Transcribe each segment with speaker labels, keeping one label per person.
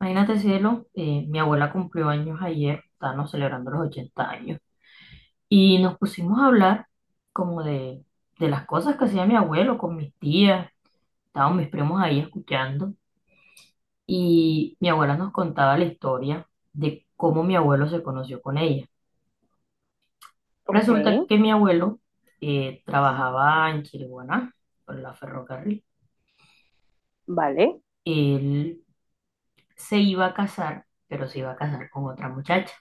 Speaker 1: Imagínate, cielo, mi abuela cumplió años ayer, estábamos celebrando los 80 años, y nos pusimos a hablar como de, de las cosas que hacía mi abuelo con mis tías, estaban mis primos ahí escuchando, y mi abuela nos contaba la historia de cómo mi abuelo se conoció con ella.
Speaker 2: Ok,
Speaker 1: Resulta que mi abuelo trabajaba en Chiriguaná, por la ferrocarril.
Speaker 2: vale.
Speaker 1: Él se iba a casar, pero se iba a casar con otra muchacha.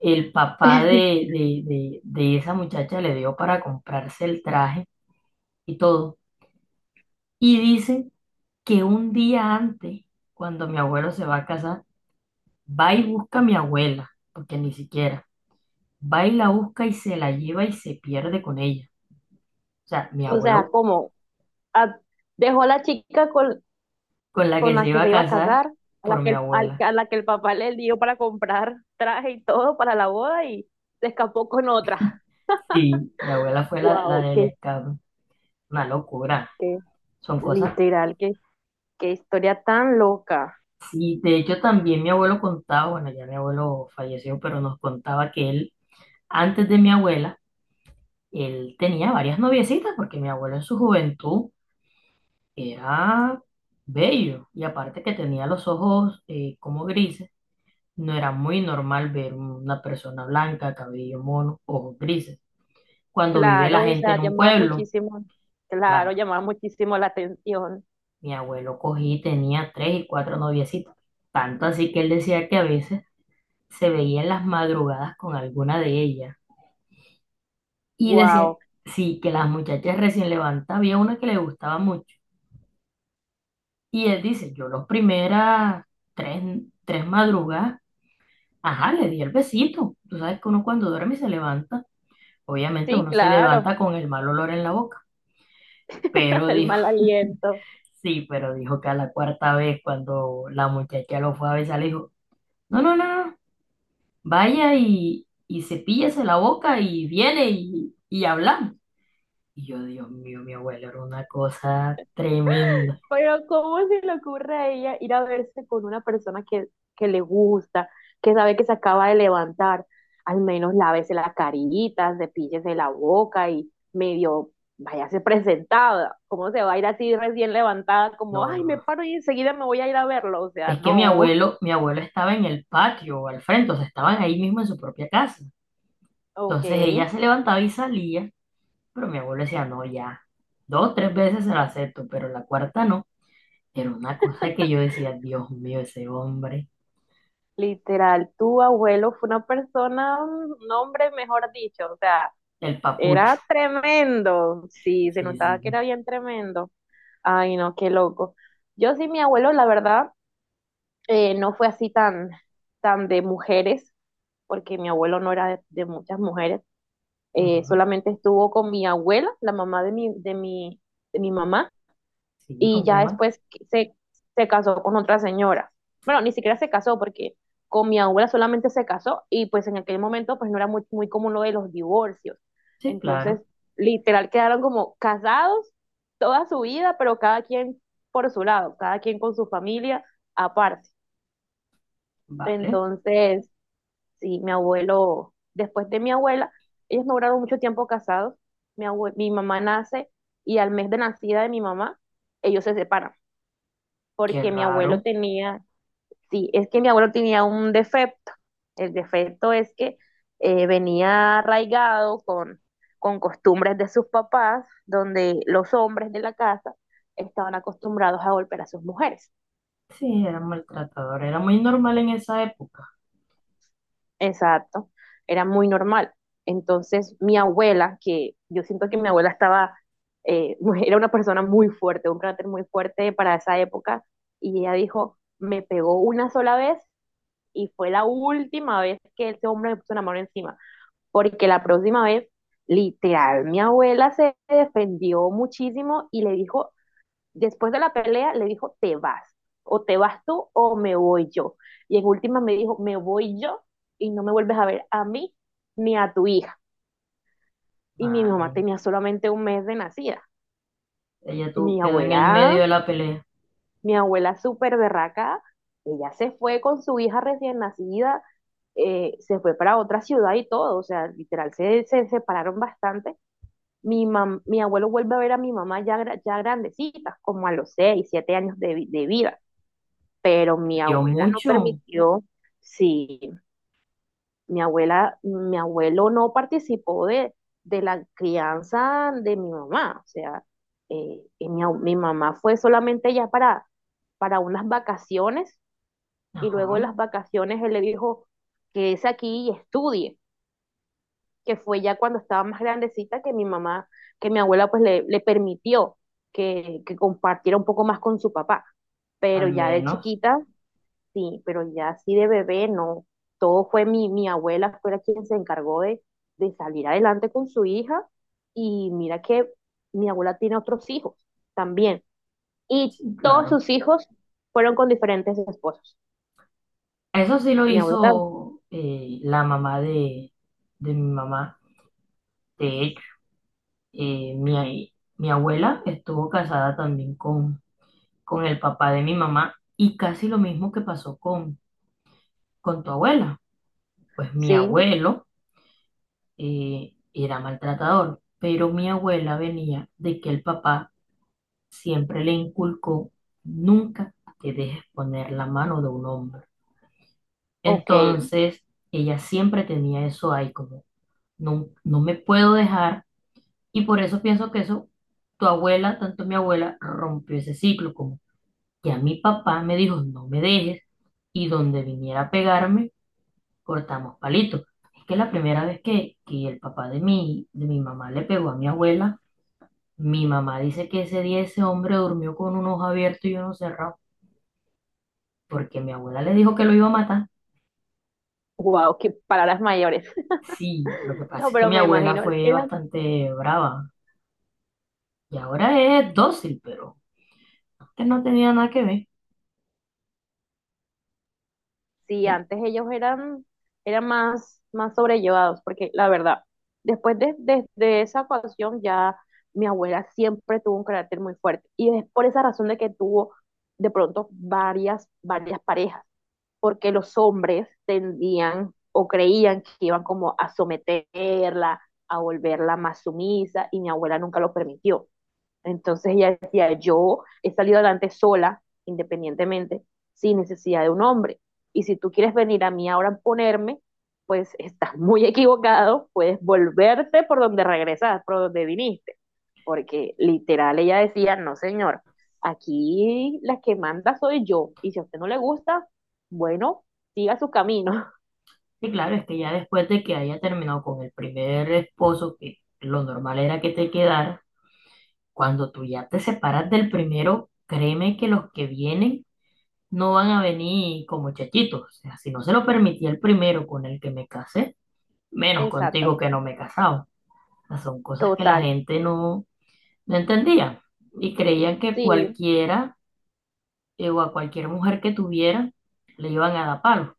Speaker 1: El papá de esa muchacha le dio para comprarse el traje y todo. Y dice que un día antes, cuando mi abuelo se va a casar, va y busca a mi abuela, porque ni siquiera, va y la busca y se la lleva y se pierde con ella. O sea, mi
Speaker 2: O sea,
Speaker 1: abuelo,
Speaker 2: como a- dejó a la chica
Speaker 1: con la
Speaker 2: con
Speaker 1: que se
Speaker 2: la que
Speaker 1: iba
Speaker 2: se
Speaker 1: a
Speaker 2: iba a
Speaker 1: casar,
Speaker 2: casar,
Speaker 1: por mi abuela.
Speaker 2: a la que el papá le dio para comprar traje y todo para la boda y se escapó con otra.
Speaker 1: Sí, mi abuela fue la
Speaker 2: Wow,
Speaker 1: del
Speaker 2: qué,
Speaker 1: escape. Una locura.
Speaker 2: qué
Speaker 1: Son cosas.
Speaker 2: literal, qué historia tan loca.
Speaker 1: Sí, de hecho también mi abuelo contaba, bueno, ya mi abuelo falleció, pero nos contaba que él, antes de mi abuela, él tenía varias noviecitas, porque mi abuelo en su juventud era bello, y aparte que tenía los ojos como grises. No era muy normal ver una persona blanca, cabello mono, ojos grises. Cuando vive la
Speaker 2: Claro, o
Speaker 1: gente
Speaker 2: sea,
Speaker 1: en un
Speaker 2: llamaba
Speaker 1: pueblo,
Speaker 2: muchísimo, claro,
Speaker 1: claro,
Speaker 2: llamaba muchísimo la atención.
Speaker 1: mi abuelo cogí y tenía tres y cuatro noviecitas, tanto así que él decía que a veces se veía en las madrugadas con alguna de ellas, y decía,
Speaker 2: Wow,
Speaker 1: sí, que las muchachas recién levantadas, había una que le gustaba mucho. Y él dice, yo los primeras tres, tres madrugadas, ajá, le di el besito. Tú sabes que uno cuando duerme y se levanta, obviamente
Speaker 2: sí,
Speaker 1: uno se
Speaker 2: claro,
Speaker 1: levanta con el mal olor en la boca, pero
Speaker 2: el
Speaker 1: dijo,
Speaker 2: mal aliento.
Speaker 1: sí, pero dijo que a la cuarta vez cuando la muchacha lo fue a besar, le dijo, no, no, no, no, vaya y cepíllese la boca y viene y hablamos. Y yo, Dios mío, mi abuela era una cosa tremenda.
Speaker 2: Pero ¿cómo se le ocurre a ella ir a verse con una persona que le gusta, que sabe que se acaba de levantar? Al menos lávese la carita, cepíllese la boca y medio váyase presentada. ¿Cómo se va a ir así recién levantada? Como,
Speaker 1: No,
Speaker 2: ay, me
Speaker 1: no,
Speaker 2: paro y enseguida me voy a ir a verlo. O sea,
Speaker 1: es que
Speaker 2: no.
Speaker 1: mi abuelo estaba en el patio o al frente. O sea, estaban ahí mismo en su propia casa.
Speaker 2: Ok.
Speaker 1: Entonces ella se levantaba y salía, pero mi abuelo decía, no, ya, dos, tres veces se la acepto, pero la cuarta no. Era una cosa que yo decía, Dios mío, ese hombre,
Speaker 2: Literal, tu abuelo fue una persona, un hombre, mejor dicho. O sea,
Speaker 1: el papucho.
Speaker 2: era tremendo. Sí, se
Speaker 1: Sí, sí,
Speaker 2: notaba que
Speaker 1: sí.
Speaker 2: era bien tremendo. Ay, no, qué loco. Yo sí, mi abuelo, la verdad, no fue así tan, tan de mujeres, porque mi abuelo no era de muchas mujeres.
Speaker 1: Ujú.
Speaker 2: Solamente estuvo con mi abuela, la mamá de mi mamá,
Speaker 1: Sí,
Speaker 2: y
Speaker 1: ¿con
Speaker 2: ya
Speaker 1: quién más?
Speaker 2: después se, se casó con otra señora. Bueno, ni siquiera se casó porque con mi abuela solamente se casó y pues en aquel momento pues no era muy, muy común lo de los divorcios.
Speaker 1: Sí,
Speaker 2: Entonces,
Speaker 1: claro,
Speaker 2: literal quedaron como casados toda su vida, pero cada quien por su lado, cada quien con su familia aparte.
Speaker 1: vale,
Speaker 2: Entonces, sí, mi abuelo, después de mi abuela, ellos no duraron mucho tiempo casados. Mi mamá nace y al mes de nacida de mi mamá, ellos se separan
Speaker 1: qué
Speaker 2: porque mi abuelo
Speaker 1: raro.
Speaker 2: tenía, sí, es que mi abuelo tenía un defecto. El defecto es que venía arraigado con costumbres de sus papás, donde los hombres de la casa estaban acostumbrados a golpear a sus mujeres.
Speaker 1: Sí, era maltratador, era muy normal en esa época.
Speaker 2: Exacto, era muy normal. Entonces, mi abuela, que yo siento que mi abuela estaba, eh, era una persona muy fuerte, un carácter muy fuerte para esa época, y ella dijo, me pegó una sola vez y fue la última vez que ese hombre me puso una mano encima, porque la próxima vez, literal, mi abuela se defendió muchísimo y le dijo, después de la pelea, le dijo, te vas, o te vas tú o me voy yo. Y en última me dijo, me voy yo y no me vuelves a ver a mí ni a tu hija. Y mi mamá
Speaker 1: Ay,
Speaker 2: tenía solamente un mes de nacida.
Speaker 1: ella
Speaker 2: Y mi
Speaker 1: tu- quedó en el
Speaker 2: abuela
Speaker 1: medio de la pelea,
Speaker 2: Mi abuela súper berraca, ella se fue con su hija recién nacida, se fue para otra ciudad y todo, o sea, literal, se separaron bastante. Mi abuelo vuelve a ver a mi mamá ya, ya grandecita, como a los seis, siete años de, de vida, pero mi
Speaker 1: perdió
Speaker 2: abuela no
Speaker 1: mucho.
Speaker 2: permitió, sí, mi abuela, mi abuelo no participó de la crianza de mi mamá, o sea, y mi mamá fue solamente ya para unas vacaciones y luego en
Speaker 1: Ajá.
Speaker 2: las vacaciones él le dijo que es aquí y estudie, que fue ya cuando estaba más grandecita que mi mamá, que mi abuela pues le permitió que compartiera un poco más con su papá, pero
Speaker 1: Al
Speaker 2: ya de
Speaker 1: menos.
Speaker 2: chiquita, sí, pero ya así de bebé, no, todo fue mi, mi abuela, fue la quien se encargó de salir adelante con su hija y mira que mi abuela tiene otros hijos también y
Speaker 1: Sí,
Speaker 2: todos
Speaker 1: claro.
Speaker 2: sus hijos fueron con diferentes esposos.
Speaker 1: Eso sí lo
Speaker 2: Mi abuela,
Speaker 1: hizo, la mamá de mi mamá. De hecho, mi abuela estuvo casada también con el papá de mi mamá y casi lo mismo que pasó con tu abuela. Pues mi
Speaker 2: sí,
Speaker 1: abuelo era maltratador, pero mi abuela venía de que el papá siempre le inculcó, nunca te dejes poner la mano de un hombre.
Speaker 2: ok,
Speaker 1: Entonces, ella siempre tenía eso ahí, como no, no me puedo dejar. Y por eso pienso que eso, tu abuela, tanto mi abuela, rompió ese ciclo, como que a mi papá me dijo, no me dejes, y donde viniera a pegarme, cortamos palitos. Es que la primera vez que el papá de mi mamá le pegó a mi abuela, mi mamá dice que ese día ese hombre durmió con un ojo abierto y uno cerrado, porque mi abuela le dijo que lo iba a matar.
Speaker 2: wow, qué palabras mayores.
Speaker 1: Sí, lo que pasa
Speaker 2: No,
Speaker 1: es que
Speaker 2: pero
Speaker 1: mi
Speaker 2: me
Speaker 1: abuela
Speaker 2: imagino,
Speaker 1: fue
Speaker 2: eran,
Speaker 1: bastante brava y ahora es dócil, pero antes no tenía nada que ver.
Speaker 2: sí, antes ellos eran, eran más, más sobrellevados, porque la verdad, después de esa ocasión ya mi abuela siempre tuvo un carácter muy fuerte, y es por esa razón de que tuvo de pronto varias, varias parejas, porque los hombres tendían o creían que iban como a someterla, a volverla más sumisa, y mi abuela nunca lo permitió. Entonces ella decía, yo he salido adelante sola, independientemente, sin necesidad de un hombre. Y si tú quieres venir a mí ahora a ponerme, pues estás muy equivocado, puedes volverte por donde regresas, por donde viniste. Porque literal ella decía, no señor, aquí la que manda soy yo. Y si a usted no le gusta, bueno, siga su camino.
Speaker 1: Y claro, es que ya después de que haya terminado con el primer esposo, que lo normal era que te quedara, cuando tú ya te separas del primero, créeme que los que vienen no van a venir como chachitos. O sea, si no se lo permitía el primero con el que me casé, menos contigo que
Speaker 2: Exactamente,
Speaker 1: no me he casado. O sea, son cosas que la
Speaker 2: total.
Speaker 1: gente no, no entendía, y creían que
Speaker 2: Sí,
Speaker 1: cualquiera o a cualquier mujer que tuviera, le iban a dar palos,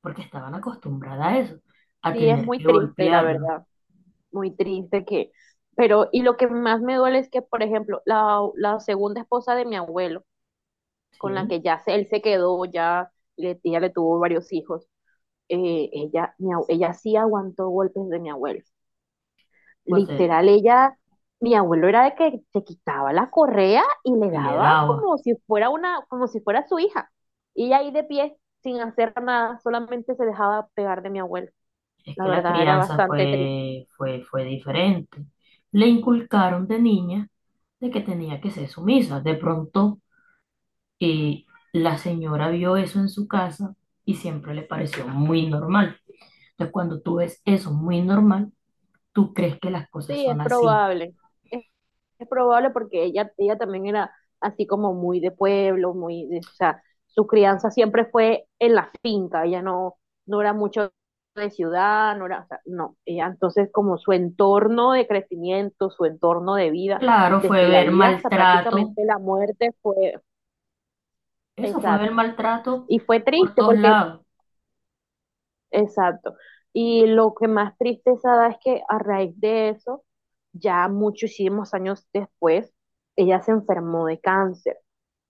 Speaker 1: porque estaban acostumbradas a eso, a
Speaker 2: sí, es
Speaker 1: tener
Speaker 2: muy
Speaker 1: que
Speaker 2: triste, la
Speaker 1: golpearlo.
Speaker 2: verdad. Muy triste que, pero, y lo que más me duele es que, por ejemplo, la segunda esposa de mi abuelo, con la
Speaker 1: ¿Sí?
Speaker 2: que ya él se quedó, ya ella le tuvo varios hijos, ella, ella sí aguantó golpes de mi abuelo.
Speaker 1: O sea,
Speaker 2: Literal, ella, mi abuelo era de que se quitaba la correa y le
Speaker 1: y le
Speaker 2: daba
Speaker 1: daba.
Speaker 2: como si fuera una, como si fuera su hija. Y ella ahí de pie, sin hacer nada, solamente se dejaba pegar de mi abuelo.
Speaker 1: Es
Speaker 2: La
Speaker 1: que la
Speaker 2: verdad, era
Speaker 1: crianza
Speaker 2: bastante triste.
Speaker 1: fue diferente. Le inculcaron de niña de que tenía que ser sumisa. De pronto, eh, la señora vio eso en su casa y siempre le pareció muy normal. Entonces, cuando tú ves eso muy normal, tú crees que las cosas
Speaker 2: Sí, es
Speaker 1: son así.
Speaker 2: probable. Es probable porque ella también era así como muy de pueblo, muy de, o sea, su crianza siempre fue en la finca, ella no, no era mucho de ciudad, no era, o sea, no, ella entonces como su entorno de crecimiento, su entorno de vida,
Speaker 1: Claro, fue
Speaker 2: desde la
Speaker 1: ver
Speaker 2: vida hasta
Speaker 1: maltrato.
Speaker 2: prácticamente la muerte fue,
Speaker 1: Eso fue el
Speaker 2: exacto,
Speaker 1: maltrato
Speaker 2: y fue
Speaker 1: por
Speaker 2: triste
Speaker 1: todos
Speaker 2: porque,
Speaker 1: lados.
Speaker 2: exacto, y lo que más tristeza da es que a raíz de eso, ya muchísimos años después, ella se enfermó de cáncer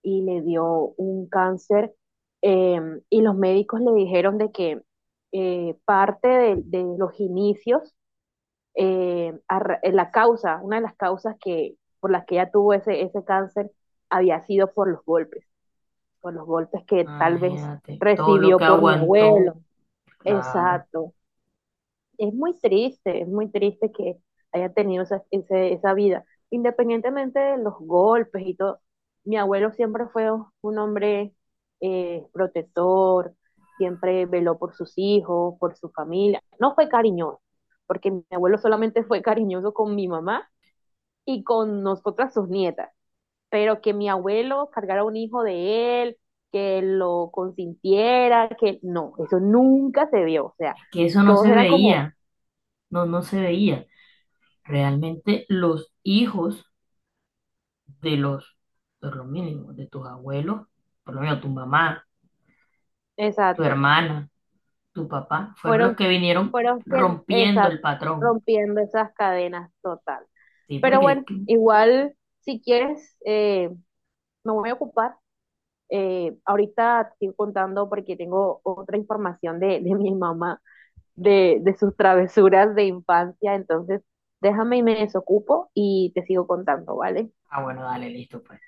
Speaker 2: y le dio un cáncer eh, y los médicos le dijeron de que parte de, los inicios, en la causa, una de las causas que, por las que ella tuvo ese cáncer había sido por los golpes que tal vez
Speaker 1: Imagínate, todo lo que
Speaker 2: recibió por mi
Speaker 1: aguantó,
Speaker 2: abuelo.
Speaker 1: claro.
Speaker 2: Exacto, es muy triste que haya tenido esa, esa vida. Independientemente de los golpes y todo, mi abuelo siempre fue un hombre protector, siempre veló por sus hijos, por su familia. No fue cariñoso, porque mi abuelo solamente fue cariñoso con mi mamá y con nosotras sus nietas. Pero que mi abuelo cargara un hijo de él, que lo consintiera, que no, eso nunca se vio. O sea,
Speaker 1: Es que eso no
Speaker 2: todos
Speaker 1: se
Speaker 2: eran como...
Speaker 1: veía, no, no se veía. Realmente los hijos de los, por lo mínimo, de tus abuelos, por lo menos tu mamá, tu
Speaker 2: Exacto.
Speaker 1: hermana, tu papá, fueron los
Speaker 2: Fueron,
Speaker 1: que vinieron
Speaker 2: fueron quien,
Speaker 1: rompiendo
Speaker 2: exacto,
Speaker 1: el patrón.
Speaker 2: rompiendo esas cadenas total.
Speaker 1: Sí,
Speaker 2: Pero
Speaker 1: porque es
Speaker 2: bueno,
Speaker 1: que,
Speaker 2: igual, si quieres, me voy a ocupar. Ahorita te estoy contando porque tengo otra información de mi mamá, de sus travesuras de infancia. Entonces, déjame y me desocupo y te sigo contando, ¿vale?
Speaker 1: ah, bueno, dale, listo, pues.